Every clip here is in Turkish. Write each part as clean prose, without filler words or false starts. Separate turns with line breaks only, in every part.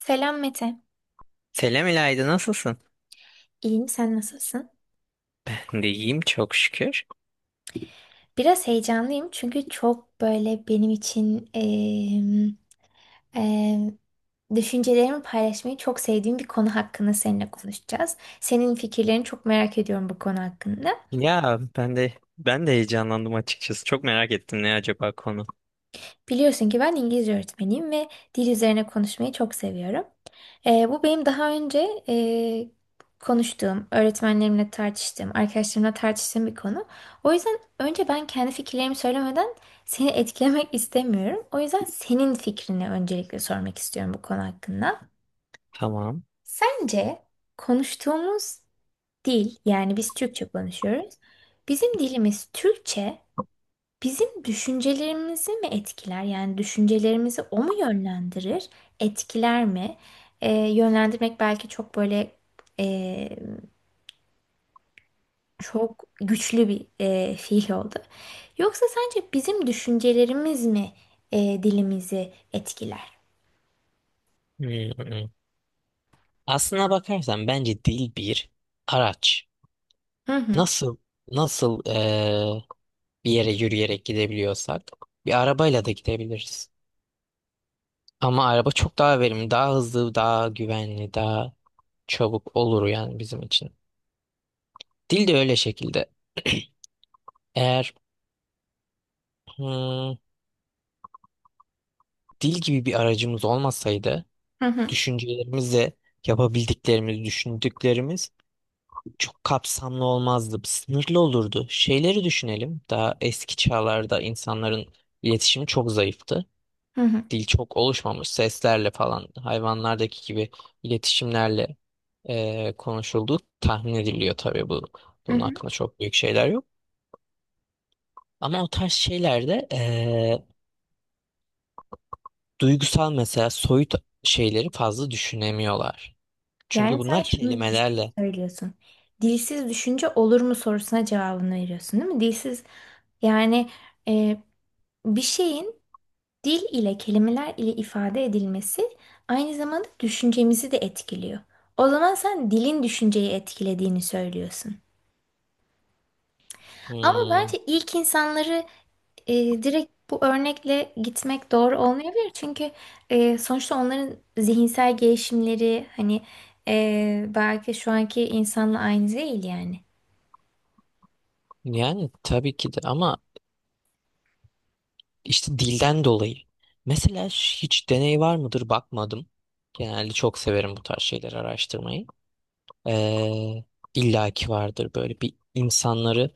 Selam Mete.
Selam İlayda, nasılsın?
İyiyim, sen nasılsın?
Ben de iyiyim, çok şükür.
Biraz heyecanlıyım çünkü çok böyle benim için em, düşüncelerimi paylaşmayı çok sevdiğim bir konu hakkında seninle konuşacağız. Senin fikirlerini çok merak ediyorum bu konu hakkında.
Ya ben de heyecanlandım açıkçası. Çok merak ettim, ne acaba konu.
Biliyorsun ki ben İngilizce öğretmeniyim ve dil üzerine konuşmayı çok seviyorum. Bu benim daha önce konuştuğum, öğretmenlerimle tartıştığım, arkadaşlarımla tartıştığım bir konu. O yüzden önce ben kendi fikirlerimi söylemeden seni etkilemek istemiyorum. O yüzden senin fikrini öncelikle sormak istiyorum bu konu hakkında.
Tamam.
Sence konuştuğumuz dil, yani biz Türkçe konuşuyoruz. Bizim dilimiz Türkçe. Bizim düşüncelerimizi mi etkiler? Yani düşüncelerimizi o mu yönlendirir? Etkiler mi? Yönlendirmek belki çok böyle e, çok güçlü bir fiil oldu. Yoksa sence bizim düşüncelerimiz mi dilimizi etkiler?
Hmm. Aslına bakarsan bence dil bir araç.
Hı hı,
Nasıl nasıl bir yere yürüyerek gidebiliyorsak bir arabayla da gidebiliriz. Ama araba çok daha verimli, daha hızlı, daha güvenli, daha çabuk olur yani bizim için. Dil de öyle şekilde. Eğer hmm, dil gibi bir aracımız olmasaydı
hı hı,
düşüncelerimizle yapabildiklerimiz, düşündüklerimiz çok kapsamlı olmazdı. Sınırlı olurdu. Şeyleri düşünelim. Daha eski çağlarda insanların iletişimi çok zayıftı.
hı hı,
Dil çok oluşmamış. Seslerle falan hayvanlardaki gibi iletişimlerle konuşulduğu tahmin ediliyor, tabii bu.
hı
Bunun
hı.
hakkında çok büyük şeyler yok. Ama o tarz şeylerde duygusal, mesela soyut şeyleri fazla düşünemiyorlar. Çünkü
Yani sen
bunlar
şunu
kelimelerle.
söylüyorsun. Dilsiz düşünce olur mu sorusuna cevabını veriyorsun, değil mi? Dilsiz yani, e, bir şeyin dil ile kelimeler ile ifade edilmesi aynı zamanda düşüncemizi de etkiliyor. O zaman sen dilin düşünceyi etkilediğini söylüyorsun. Ama
hmm,
bence ilk insanları direkt bu örnekle gitmek doğru olmayabilir. Çünkü sonuçta onların zihinsel gelişimleri hani belki şu anki insanla aynı değil yani.
Yani tabii ki de, ama işte dilden dolayı. Mesela hiç deney var mıdır, bakmadım. Genelde çok severim bu tarz şeyleri araştırmayı. Ee, illa vardır, böyle bir insanları,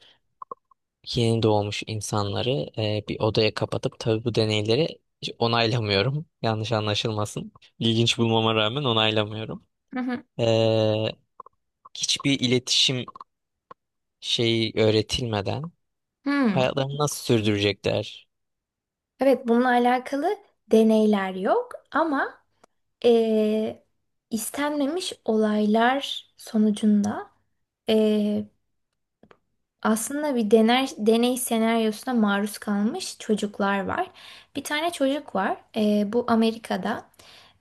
yeni doğmuş insanları bir odaya kapatıp, tabii bu deneyleri hiç onaylamıyorum. Yanlış anlaşılmasın. İlginç bulmama rağmen onaylamıyorum.
Hı hı.
Ee, hiçbir iletişim şeyi öğretilmeden
Hmm.
hayatlarını nasıl sürdürecekler?
Evet, bununla alakalı deneyler yok ama e, istenmemiş olaylar sonucunda e, aslında bir deney senaryosuna maruz kalmış çocuklar var. Bir tane çocuk var. Bu Amerika'da.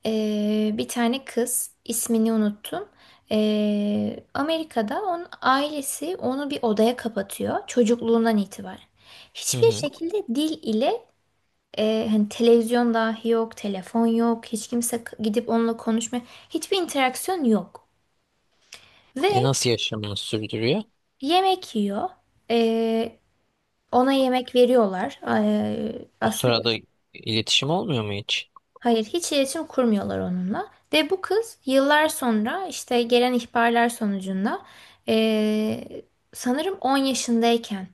Bir tane kız, ismini unuttum. Amerika'da onun ailesi onu bir odaya kapatıyor çocukluğundan itibaren.
Hı
Hiçbir
hı.
şekilde dil ile, hani televizyon dahi yok, telefon yok, hiç kimse gidip onunla konuşmuyor. Hiçbir interaksiyon yok.
E,
Ve
nasıl yaşamını sürdürüyor?
yemek yiyor. E, ona yemek veriyorlar. E,
O
aslında
sırada iletişim olmuyor mu hiç?
hayır, hiç iletişim kurmuyorlar onunla. Ve bu kız yıllar sonra işte gelen ihbarlar sonucunda, e, sanırım 10 yaşındayken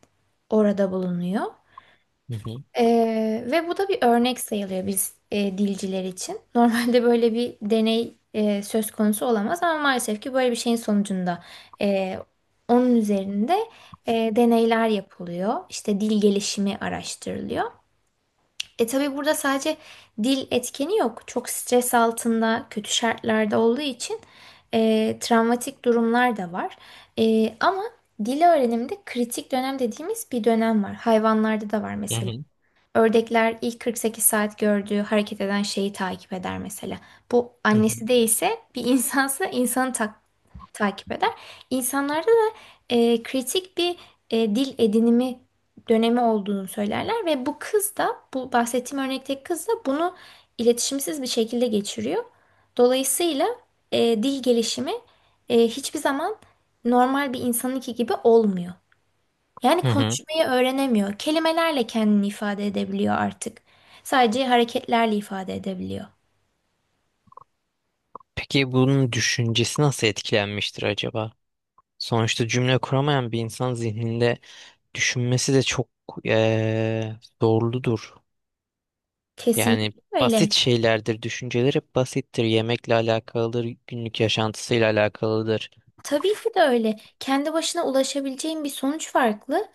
orada bulunuyor.
Hı hı.
Ve bu da bir örnek sayılıyor biz dilciler için. Normalde böyle bir deney söz konusu olamaz, ama maalesef ki böyle bir şeyin sonucunda e, onun üzerinde deneyler yapılıyor. İşte dil gelişimi araştırılıyor. E, tabii burada sadece dil etkeni yok. Çok stres altında, kötü şartlarda olduğu için travmatik durumlar da var. Ama dil öğreniminde kritik dönem dediğimiz bir dönem var. Hayvanlarda da var
Hı
mesela.
hı.
Ördekler ilk 48 saat gördüğü hareket eden şeyi takip eder mesela. Bu
Hı hı.
annesi değilse, bir insansa insanı takip eder. İnsanlarda da kritik bir dil edinimi dönemi olduğunu söylerler ve bu kız da, bu bahsettiğim örnekteki kız da, bunu iletişimsiz bir şekilde geçiriyor. Dolayısıyla dil gelişimi hiçbir zaman normal bir insanınki gibi olmuyor. Yani
Hı hı.
konuşmayı öğrenemiyor. Kelimelerle kendini ifade edebiliyor artık. Sadece hareketlerle ifade edebiliyor.
Peki bunun düşüncesi nasıl etkilenmiştir acaba? Sonuçta cümle kuramayan bir insan zihninde düşünmesi de çok zorludur.
Kesinlikle
Yani
öyle.
basit şeylerdir. Düşünceler hep basittir. Yemekle alakalıdır, günlük yaşantısıyla alakalıdır.
Tabii ki de öyle. Kendi başına ulaşabileceğin bir sonuç farklı.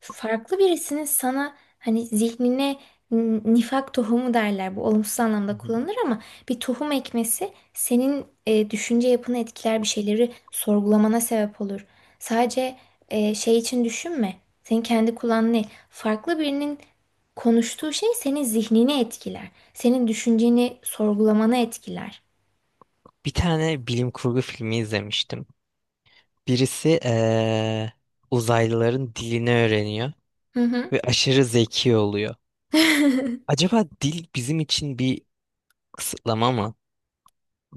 Farklı birisinin sana hani zihnine nifak tohumu derler. Bu olumsuz
Hı
anlamda
hı.
kullanılır ama bir tohum ekmesi senin düşünce yapını etkiler, bir şeyleri sorgulamana sebep olur. Sadece şey için düşünme. Senin kendi kulağın ne? Farklı birinin konuştuğu şey senin zihnini etkiler. Senin düşünceni sorgulamana etkiler.
Bir tane bilim kurgu filmi izlemiştim. Birisi uzaylıların dilini öğreniyor
Hı hı.
ve aşırı zeki oluyor. Acaba dil bizim için bir kısıtlama mı?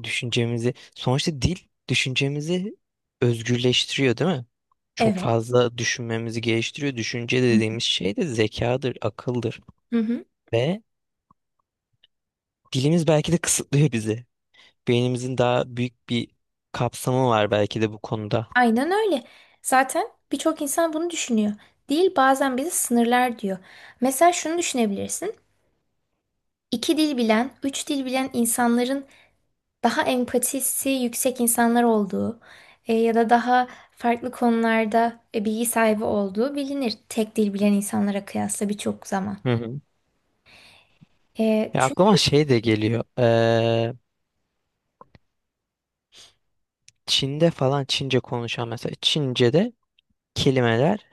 Düşüncemizi, sonuçta dil düşüncemizi özgürleştiriyor, değil mi? Çok
Evet.
fazla düşünmemizi geliştiriyor. Düşünce dediğimiz şey de zekadır, akıldır
Hı hı.
ve dilimiz belki de kısıtlıyor bizi. Beynimizin daha büyük bir kapsamı var belki de bu konuda.
Aynen öyle. Zaten birçok insan bunu düşünüyor. Dil bazen bizi sınırlar diyor. Mesela şunu düşünebilirsin. İki dil bilen, üç dil bilen insanların daha empatisi yüksek insanlar olduğu, ya da daha farklı konularda bilgi sahibi olduğu bilinir. Tek dil bilen insanlara kıyasla birçok zaman.
Hı hı. Ya
Çünkü...
aklıma şey de geliyor. Çin'de falan Çince konuşan, mesela Çince'de kelimeler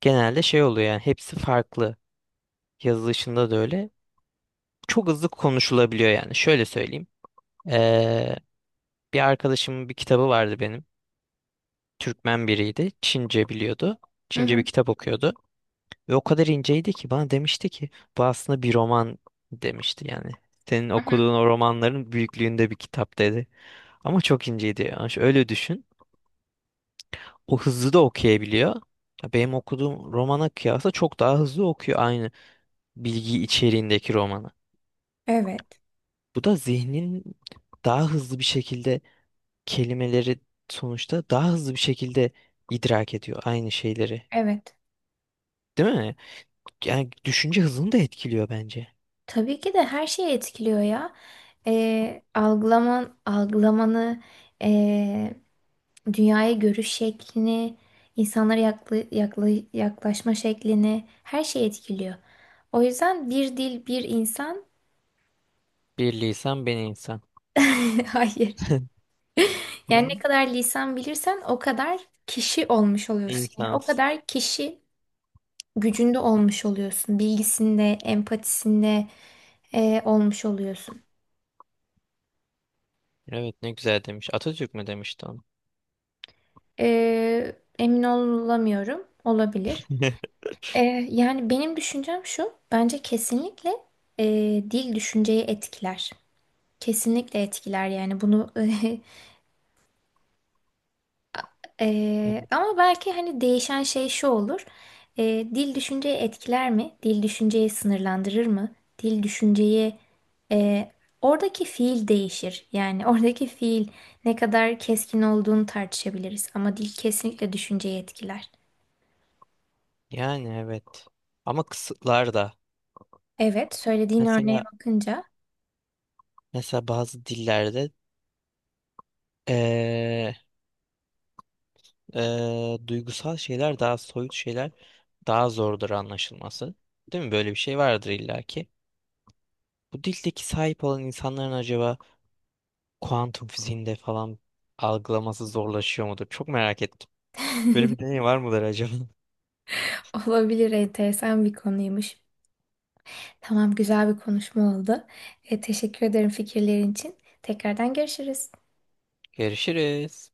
genelde şey oluyor, yani hepsi farklı. Yazılışında da öyle. Çok hızlı konuşulabiliyor yani. Şöyle söyleyeyim. Ee, bir arkadaşımın bir kitabı vardı benim. Türkmen biriydi. Çince biliyordu.
Hı
Çince
hı,
bir kitap okuyordu. Ve o kadar inceydi ki bana demişti ki bu aslında bir roman demişti yani. Senin
hı hı.
okuduğun o romanların büyüklüğünde bir kitap, dedi. Ama çok inceydi. Yani öyle düşün. O hızlı da okuyabiliyor. Ya benim okuduğum romana kıyasla çok daha hızlı okuyor aynı bilgi içeriğindeki romanı.
Evet,
Bu da zihnin daha hızlı bir şekilde kelimeleri, sonuçta daha hızlı bir şekilde idrak ediyor aynı şeyleri.
evet.
Değil mi? Yani düşünce hızını da etkiliyor bence.
Tabii ki de her şeyi etkiliyor ya. E, algılaman, algılamanı... e, dünyaya görüş şeklini, insanlara yaklaşma şeklini, her şeyi etkiliyor. O yüzden bir dil, bir insan.
Bir lisan, ben insan.
Hayır. Yani ne
Ne?
kadar lisan bilirsen o kadar kişi olmuş oluyorsun. Yani o
İnsans.
kadar kişi gücünde olmuş oluyorsun. Bilgisinde, empatisinde olmuş oluyorsun.
Evet, ne güzel demiş. Atatürk mü demişti onu?
Emin olamıyorum. Olabilir. E, yani benim düşüncem şu. Bence kesinlikle dil düşünceyi etkiler. Kesinlikle etkiler yani bunu ama belki hani değişen şey şu olur. Dil düşünceyi etkiler mi? Dil düşünceyi sınırlandırır mı? Dil düşünceyi eee, oradaki fiil değişir. Yani oradaki fiil ne kadar keskin olduğunu tartışabiliriz, ama dil kesinlikle düşünceyi etkiler.
Yani evet. Ama kısıtlar da.
Evet, söylediğin örneğe
Mesela
bakınca
mesela bazı dillerde Ee, duygusal şeyler, daha soyut şeyler daha zordur anlaşılması. Değil mi? Böyle bir şey vardır illaki. Bu dildeki sahip olan insanların acaba kuantum fiziğinde falan algılaması zorlaşıyor mudur? Çok merak ettim. Böyle bir deney var mıdır acaba?
olabilir, enteresan bir konuymuş. Tamam, güzel bir konuşma oldu. Teşekkür ederim fikirlerin için. Tekrardan görüşürüz.
Görüşürüz.